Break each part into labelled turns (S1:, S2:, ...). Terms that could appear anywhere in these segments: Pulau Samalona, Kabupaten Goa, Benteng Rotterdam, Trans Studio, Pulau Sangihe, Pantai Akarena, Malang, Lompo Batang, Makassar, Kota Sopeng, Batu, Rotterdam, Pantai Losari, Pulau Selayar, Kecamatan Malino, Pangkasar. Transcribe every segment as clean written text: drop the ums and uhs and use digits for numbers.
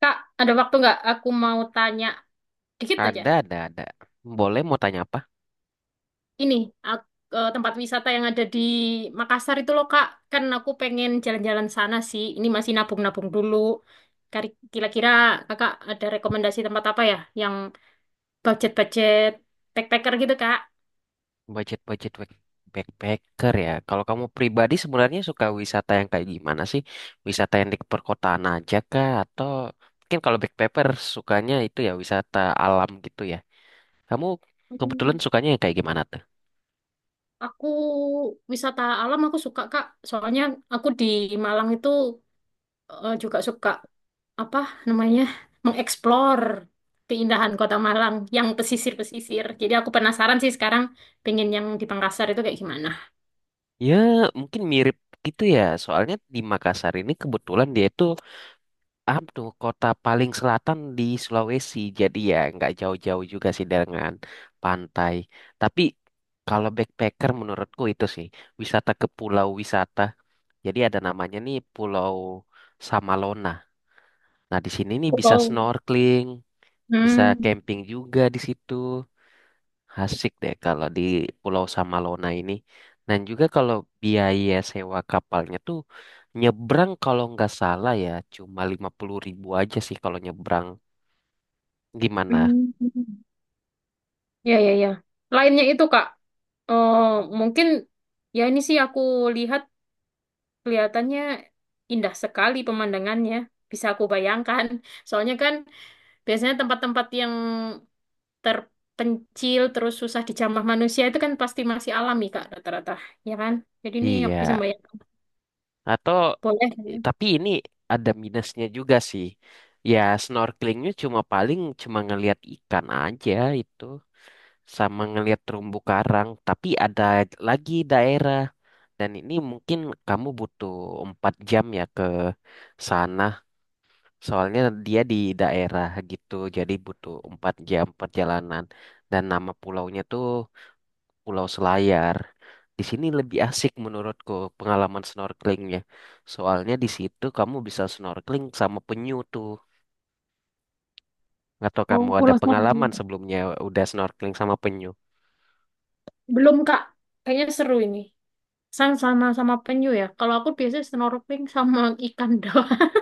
S1: Kak, ada waktu nggak? Aku mau tanya dikit aja.
S2: Ada, ada. Boleh mau tanya apa?
S1: Ini ak- tempat wisata yang ada di Makassar itu loh, Kak. Kan aku pengen jalan-jalan sana sih. Ini masih nabung-nabung dulu. Kira-kira Kakak ada rekomendasi tempat apa ya yang budget-budget backpacker gitu, Kak?
S2: Budget-budget backpacker ya. Kalau kamu pribadi sebenarnya suka wisata yang kayak gimana sih? Wisata yang di perkotaan aja kah? Atau mungkin kalau backpacker sukanya itu ya wisata alam gitu ya. Kamu kebetulan
S1: Hmm.
S2: sukanya yang kayak gimana tuh?
S1: Aku wisata alam aku suka, Kak. Soalnya aku di Malang itu juga suka apa namanya mengeksplor keindahan Kota Malang yang pesisir-pesisir. Jadi aku penasaran sih sekarang pengen yang di Pangkasar itu kayak gimana.
S2: Ya mungkin mirip gitu ya. Soalnya di Makassar ini kebetulan dia itu Abdo, kota paling selatan di Sulawesi, jadi ya nggak jauh-jauh juga sih dengan pantai. Tapi kalau backpacker menurutku itu sih wisata ke pulau wisata. Jadi ada namanya nih Pulau Samalona. Nah di sini nih bisa
S1: Oh.
S2: snorkeling, bisa
S1: Hmm,
S2: camping juga di situ. Asik deh kalau di Pulau Samalona ini. Dan juga kalau biaya sewa kapalnya tuh nyebrang kalau nggak salah ya cuma 50.000 aja sih kalau nyebrang. Gimana?
S1: hmm. Ya, ya, ya. Lainnya itu Kak, eh, mungkin ya ini sih aku lihat kelihatannya indah sekali pemandangannya. Bisa aku bayangkan. Soalnya kan biasanya tempat-tempat yang terpencil terus susah dijamah manusia itu kan pasti masih alami Kak rata-rata, ya kan, jadi ini aku bisa
S2: Iya.
S1: bayangkan.
S2: Atau
S1: Boleh.
S2: tapi ini ada minusnya juga sih. Ya snorkelingnya cuma paling cuma ngelihat ikan aja itu sama ngelihat terumbu karang. Tapi ada lagi daerah dan ini mungkin kamu butuh 4 jam ya ke sana. Soalnya dia di daerah gitu jadi butuh 4 jam perjalanan dan nama pulaunya tuh Pulau Selayar. Di sini lebih asik menurutku pengalaman snorkelingnya. Soalnya di situ kamu bisa snorkeling sama penyu tuh. Atau kamu
S1: Oh,
S2: ada
S1: Pulau
S2: pengalaman
S1: Sangihe.
S2: sebelumnya udah snorkeling sama penyu?
S1: Belum Kak, kayaknya seru ini. Sang sama sama penyu ya, kalau aku biasanya snorkeling sama ikan doang.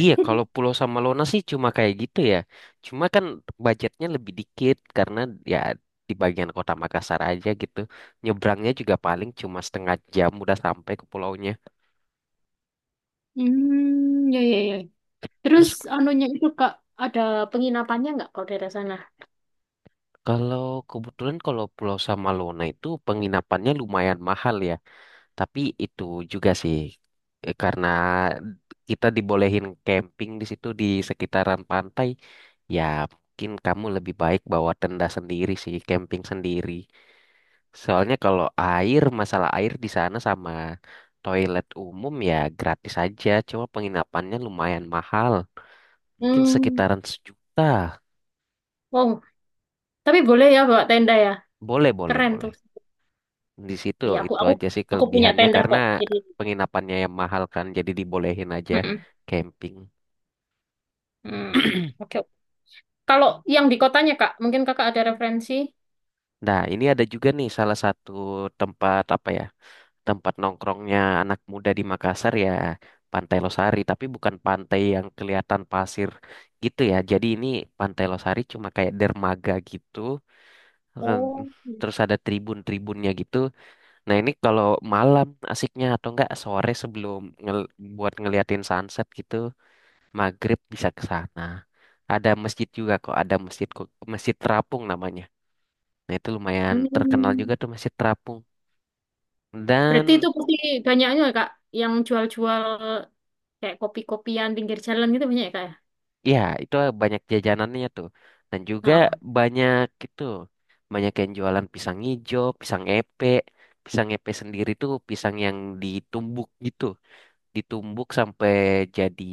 S2: Iya, kalau Pulau Samalona sih cuma kayak gitu ya. Cuma kan budgetnya lebih dikit karena ya di bagian kota Makassar aja gitu. Nyebrangnya juga paling cuma setengah jam udah sampai ke pulaunya.
S1: Hmm, ya, ya, ya. Terus
S2: Terus
S1: anunya itu Kak, ada penginapannya nggak kalau daerah sana?
S2: kalau kebetulan kalau Pulau Samalona itu penginapannya lumayan mahal ya. Tapi itu juga sih, karena kita dibolehin camping di situ di sekitaran pantai, ya mungkin kamu lebih baik bawa tenda sendiri sih, camping sendiri. Soalnya kalau air, masalah air di sana sama toilet umum ya gratis aja, cuma penginapannya lumayan mahal. Mungkin
S1: hmm,
S2: sekitaran sejuta.
S1: wow, tapi boleh ya bawa tenda ya.
S2: Boleh, boleh,
S1: Keren
S2: boleh.
S1: tuh.
S2: Di situ
S1: Ya, aku
S2: itu
S1: aku
S2: aja sih
S1: aku punya
S2: kelebihannya
S1: tenda
S2: karena
S1: kok, jadi.
S2: penginapannya yang mahal kan, jadi dibolehin aja
S1: Mm-mm.
S2: camping.
S1: Hmm, oke, oke. Kalau yang di kotanya, Kak, mungkin Kakak ada referensi.
S2: Nah, ini ada juga nih salah satu tempat apa ya? Tempat nongkrongnya anak muda di Makassar ya, Pantai Losari, tapi bukan pantai yang kelihatan pasir gitu ya. Jadi ini Pantai Losari cuma kayak dermaga gitu. eh,
S1: Oh.
S2: Terus ada tribun-tribunnya gitu. Nah, ini kalau malam asiknya atau enggak sore sebelum buat ngeliatin sunset gitu, maghrib bisa ke sana. Ada masjid juga kok, ada masjid masjid terapung namanya. Nah itu lumayan terkenal juga
S1: Hmm.
S2: tuh masih terapung.
S1: Berarti
S2: Dan
S1: itu pasti banyaknya ya, Kak, yang jual-jual kayak kopi-kopian pinggir jalan gitu banyak ya, Kak ya?
S2: ya itu banyak jajanannya tuh. Dan juga
S1: Nah.
S2: banyak itu banyak yang jualan pisang hijau pisang epe. Pisang epe sendiri tuh pisang yang ditumbuk gitu. Ditumbuk sampai jadi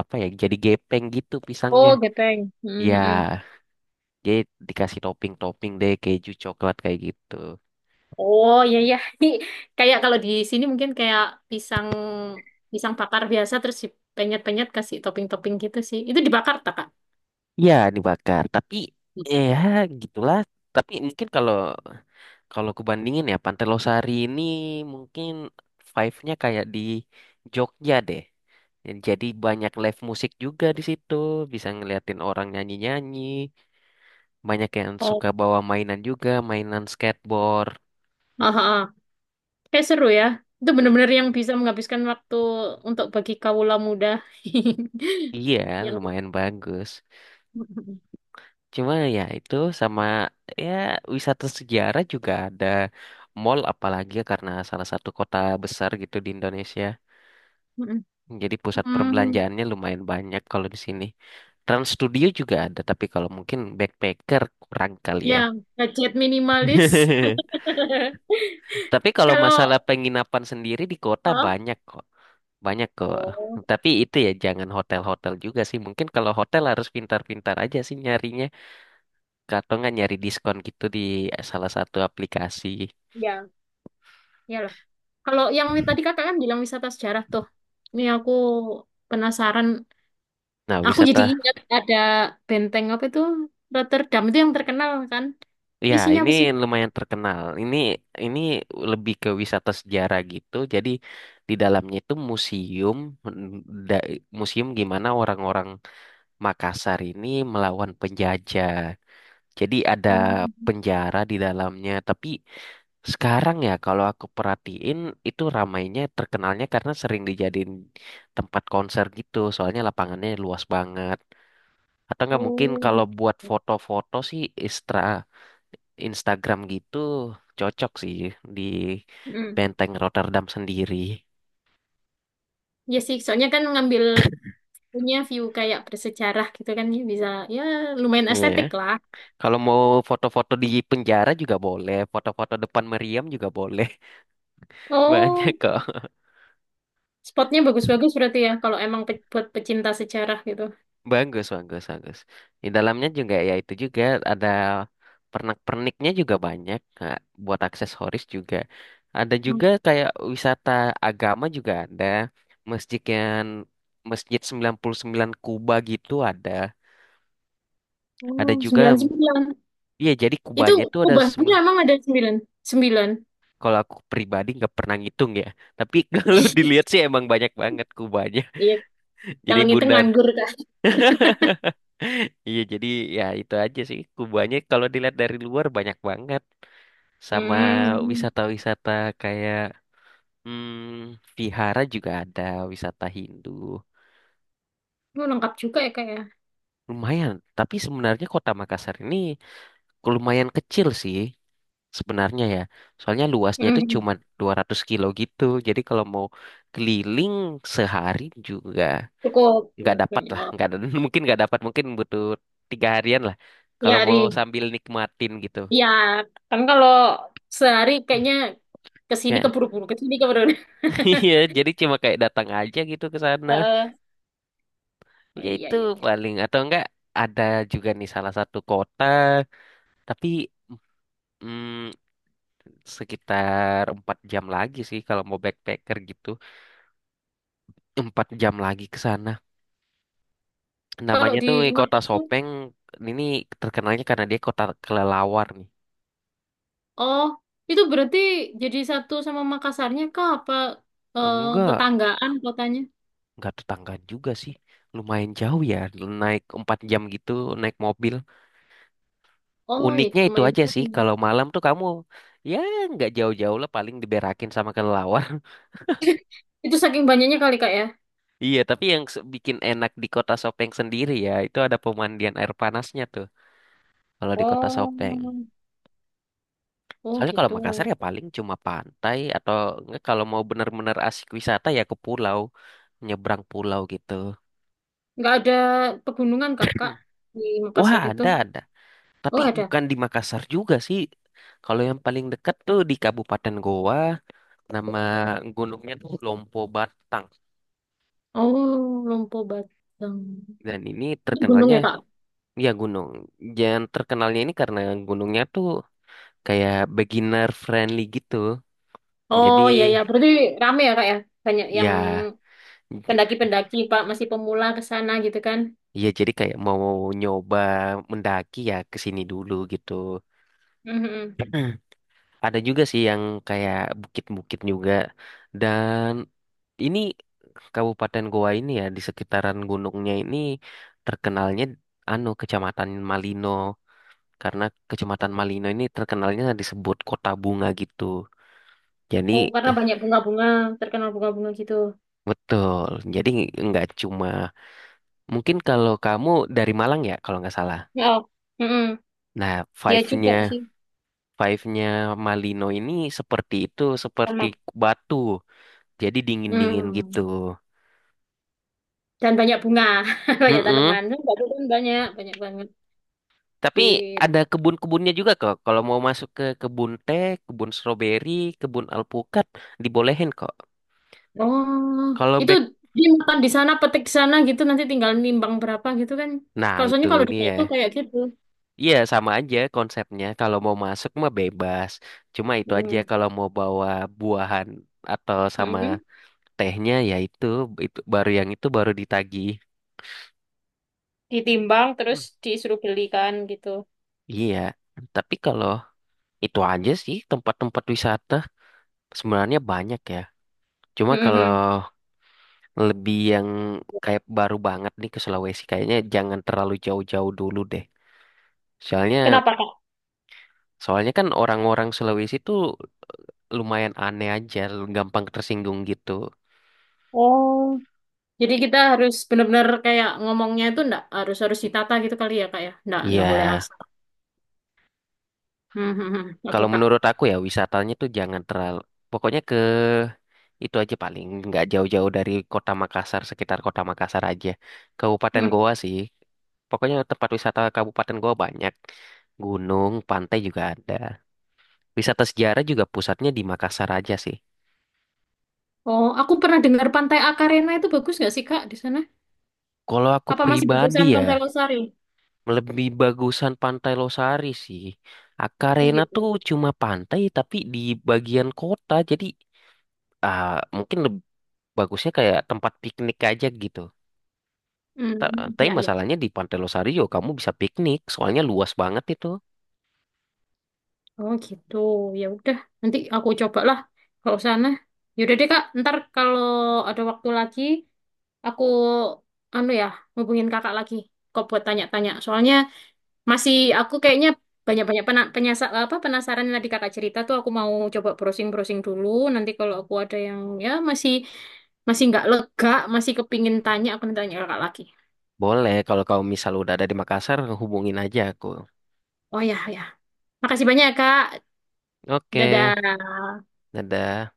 S2: apa ya? Jadi gepeng gitu pisangnya.
S1: Oh, gepeng.
S2: Ya,
S1: Hmm, hmm.
S2: jadi dikasih topping-topping deh keju coklat kayak gitu.
S1: Oh, iya, iya. Ini kayak kalau di sini mungkin kayak pisang pisang bakar biasa terus dipenyet-penyet kasih topping-topping gitu sih. Itu dibakar tak, Kak?
S2: Ya, dibakar. Tapi ya gitulah. Tapi mungkin kalau kalau aku bandingin ya, Pantelosari ini mungkin vibe-nya kayak di Jogja deh. Jadi banyak live musik juga di situ, bisa ngeliatin orang nyanyi-nyanyi. Banyak yang
S1: Oh.
S2: suka bawa mainan juga, mainan skateboard.
S1: Ah, ah, ah. Kayak seru ya. Itu bener-bener yang bisa menghabiskan waktu untuk bagi kawula muda.
S2: Iya,
S1: Yang
S2: lumayan bagus.
S1: Mm-mm.
S2: Cuma ya itu sama ya wisata sejarah juga ada, mall apalagi ya karena salah satu kota besar gitu di Indonesia.
S1: Mm-mm.
S2: Jadi pusat
S1: Hmm,
S2: perbelanjaannya lumayan banyak kalau di sini. Trans Studio juga ada, tapi kalau mungkin backpacker kurang kali
S1: Ya,
S2: ya.
S1: budget minimalis.
S2: Tapi kalau
S1: Kalau,
S2: masalah penginapan sendiri di kota
S1: Hah?
S2: banyak kok. Banyak kok.
S1: Oh,
S2: Tapi itu ya jangan hotel-hotel juga sih. Mungkin kalau hotel harus pintar-pintar aja sih nyarinya. Atau nggak nyari diskon gitu di salah satu aplikasi.
S1: ya, iyalah. Kalau yang tadi kakak kan bilang wisata sejarah tuh. Ini aku penasaran.
S2: Nah,
S1: Aku jadi
S2: wisata
S1: ingat ada benteng apa itu Rotterdam itu yang terkenal kan.
S2: ya,
S1: Isinya
S2: ini
S1: apa sih?
S2: lumayan terkenal. Ini lebih ke wisata sejarah gitu. Jadi di dalamnya itu museum, mm, da- museum gimana orang-orang Makassar ini melawan penjajah. Jadi ada
S1: Hmm.
S2: penjara di dalamnya. Tapi sekarang ya kalau aku perhatiin itu ramainya terkenalnya karena sering dijadiin tempat konser gitu. Soalnya lapangannya luas banget. Atau nggak mungkin
S1: Oh,
S2: kalau
S1: gitu.
S2: buat foto-foto sih, Istra Instagram gitu cocok sih di
S1: Hmm.
S2: Benteng Rotterdam sendiri.
S1: Ya sih, soalnya kan ngambil punya view kayak bersejarah gitu kan ya bisa, ya lumayan
S2: Iya.
S1: estetik lah.
S2: Kalau mau foto-foto di penjara juga boleh, foto-foto depan meriam juga boleh. Banyak
S1: Oh.
S2: kok.
S1: Spotnya bagus-bagus berarti ya, kalau emang buat pecinta sejarah gitu.
S2: Bagus, bagus, bagus. Di dalamnya juga ya itu juga ada pernak-perniknya juga banyak. Nah, buat aksesoris juga. Ada
S1: Hmm.
S2: juga kayak wisata agama juga ada. Masjid yang Masjid 99 Kuba gitu ada. Ada
S1: Oh,
S2: juga
S1: 99.
S2: iya, jadi
S1: Itu
S2: kubahnya itu ada
S1: kubahnya emang ada 99.
S2: kalau aku pribadi nggak pernah ngitung ya. Tapi kalau dilihat sih emang banyak banget kubahnya.
S1: Iya,
S2: Jadi
S1: kalau ngitung
S2: bundar.
S1: nganggur, Kak.
S2: Iya, jadi ya itu aja sih. Kubahnya kalau dilihat dari luar banyak banget. Sama
S1: Hmm.
S2: wisata-wisata kayak vihara juga ada wisata Hindu.
S1: Oh, lengkap juga ya, Kak ya.
S2: Lumayan, tapi sebenarnya kota Makassar ini lumayan kecil sih. Sebenarnya ya. Soalnya luasnya itu
S1: Hmm.
S2: cuma 200 kilo gitu. Jadi kalau mau keliling sehari juga
S1: Cukup.
S2: nggak dapat lah.
S1: Oh.
S2: Nggak ada, mungkin nggak dapat. Mungkin butuh tiga harian lah. Kalau
S1: Ya,
S2: mau
S1: Ari.
S2: sambil nikmatin gitu.
S1: Ya, kan kalau sehari kayaknya ke sini
S2: Ya,
S1: keburu-buru, ke sini keburu.
S2: iya, jadi cuma kayak datang aja gitu ke sana.
S1: Heeh. Oh,
S2: Ya
S1: iya,
S2: itu
S1: iya, iya.
S2: paling atau enggak ada juga nih salah satu kota, tapi mm, sekitar 4 jam lagi sih kalau mau backpacker gitu, empat jam lagi ke sana.
S1: Kalau
S2: Namanya
S1: di
S2: tuh Kota
S1: Makassar.
S2: Sopeng. Ini terkenalnya karena dia kota kelelawar nih.
S1: Oh, itu berarti jadi satu sama Makassarnya kah? Apa eh,
S2: Enggak,
S1: tetanggaan kotanya?
S2: enggak tetanggaan juga sih. Lumayan jauh ya, naik 4 jam gitu, naik mobil.
S1: Oh, ya,
S2: Uniknya itu
S1: lumayan
S2: aja sih,
S1: jauh ya.
S2: kalau malam tuh kamu ya nggak jauh-jauh lah paling diberakin sama kelelawar.
S1: Itu saking banyaknya kali kak ya?
S2: Iya, tapi yang bikin enak di Kota Sopeng sendiri ya, itu ada pemandian air panasnya tuh. Kalau di Kota Sopeng.
S1: Oh, oh,
S2: Soalnya kalau
S1: gitu.
S2: Makassar ya paling cuma pantai atau enggak kalau mau benar-benar asik wisata ya ke pulau, nyebrang pulau gitu.
S1: Nggak ada pegunungan kah kak di
S2: Wah,
S1: Makassar itu?
S2: ada ada. Tapi
S1: Oh, ada.
S2: bukan di Makassar juga sih. Kalau yang paling dekat tuh di Kabupaten Goa, nama gunungnya tuh Lompo Batang.
S1: Oh, Lompo Batang.
S2: Dan ini
S1: Itu gunung
S2: terkenalnya
S1: ya kak?
S2: ya gunung. Yang terkenalnya ini karena gunungnya tuh kayak beginner friendly gitu.
S1: Oh
S2: Jadi
S1: iya ya, berarti rame ya kak ya? Banyak yang
S2: ya
S1: pendaki-pendaki pak masih pemula ke sana gitu kan?
S2: iya, jadi kayak mau nyoba mendaki ya ke sini dulu gitu.
S1: Mhm.
S2: Mm. Ada juga sih yang kayak bukit-bukit juga. Dan ini Kabupaten Goa ini ya di sekitaran gunungnya ini terkenalnya anu Kecamatan Malino karena Kecamatan Malino ini terkenalnya disebut kota bunga gitu.
S1: Oh,
S2: Jadi
S1: karena
S2: eh,
S1: banyak bunga-bunga, terkenal bunga-bunga gitu.
S2: betul. Jadi nggak cuma mungkin kalau kamu dari Malang ya kalau nggak salah.
S1: Oh, mm-mm.
S2: Nah,
S1: Ya juga
S2: five-nya
S1: sih,
S2: Five-nya Malino ini seperti itu, seperti
S1: sama.
S2: batu. Jadi dingin-dingin
S1: Hmm.
S2: gitu.
S1: Dan banyak bunga, banyak
S2: Mm-mm.
S1: tanaman. Kan Batu kan banyak, banyak banget.
S2: Tapi ada
S1: Gitu.
S2: kebun-kebunnya juga kok. Kalau mau masuk ke kebun teh, kebun stroberi, kebun alpukat, dibolehin kok.
S1: Oh,
S2: Kalau
S1: itu
S2: back,
S1: dia makan di sana, petik di sana gitu, nanti tinggal nimbang berapa gitu kan.
S2: nah
S1: Kalau
S2: itu
S1: soalnya kalau di
S2: dia.
S1: Batu kayak gitu.
S2: Iya sama aja konsepnya. Kalau mau masuk mah bebas. Cuma itu aja
S1: Hmm.
S2: kalau mau bawa buahan atau sama
S1: Mm-mm.
S2: tehnya ya itu baru yang itu baru ditagih.
S1: Ditimbang
S2: Hmm.
S1: terus disuruh belikan gitu.
S2: Iya. Tapi kalau itu aja sih tempat-tempat wisata sebenarnya banyak ya. Cuma kalau
S1: Mm-mm.
S2: lebih yang kayak baru banget nih ke Sulawesi kayaknya jangan terlalu jauh-jauh dulu deh. Soalnya
S1: Kenapa, Kak?
S2: soalnya kan orang-orang Sulawesi tuh lumayan aneh aja, gampang tersinggung gitu.
S1: Oh, jadi kita harus benar-benar kayak ngomongnya itu ndak harus harus ditata gitu kali ya, Kak ya. Ndak
S2: Iya,
S1: ndak boleh asal. Hmm, hmm, hmm.
S2: kalau
S1: Oke, Kak.
S2: menurut aku ya wisatanya tuh jangan terlalu pokoknya ke itu aja paling nggak jauh-jauh dari kota Makassar, sekitar kota Makassar aja. Kabupaten Goa sih. Pokoknya tempat wisata Kabupaten Goa banyak. Gunung, pantai juga ada. Wisata sejarah juga pusatnya di Makassar aja sih.
S1: Oh, aku pernah dengar Pantai Akarena itu bagus nggak sih Kak di sana?
S2: Kalau aku
S1: Apa masih
S2: pribadi
S1: bagusan Pantai
S2: ya,
S1: Losari?
S2: lebih bagusan Pantai Losari sih.
S1: Oh,
S2: Akarena tuh
S1: gitu.
S2: cuma pantai tapi di bagian kota, jadi ah, mungkin bagusnya kayak tempat piknik aja gitu.
S1: Hmm,
S2: Tapi
S1: ya ya.
S2: masalahnya di Pantai Losario kamu bisa piknik, soalnya luas banget itu.
S1: Oh, gitu. Ya udah, nanti aku cobalah kalau sana. Ya udah deh Kak, ntar kalau ada waktu lagi aku anu ya, hubungin Kakak lagi. Kok buat tanya-tanya. Soalnya masih aku kayaknya banyak-banyak pena, penyasa- apa penasaran yang tadi kakak cerita tuh aku mau coba browsing-browsing dulu. Nanti kalau aku ada yang ya masih masih nggak lega, masih kepingin tanya, aku nanti tanya kakak lagi.
S2: Boleh, kalau kamu misal udah ada di Makassar, hubungin aja aku.
S1: Oh ya, ya. Makasih banyak ya, Kak.
S2: Oke,
S1: Dadah.
S2: dadah.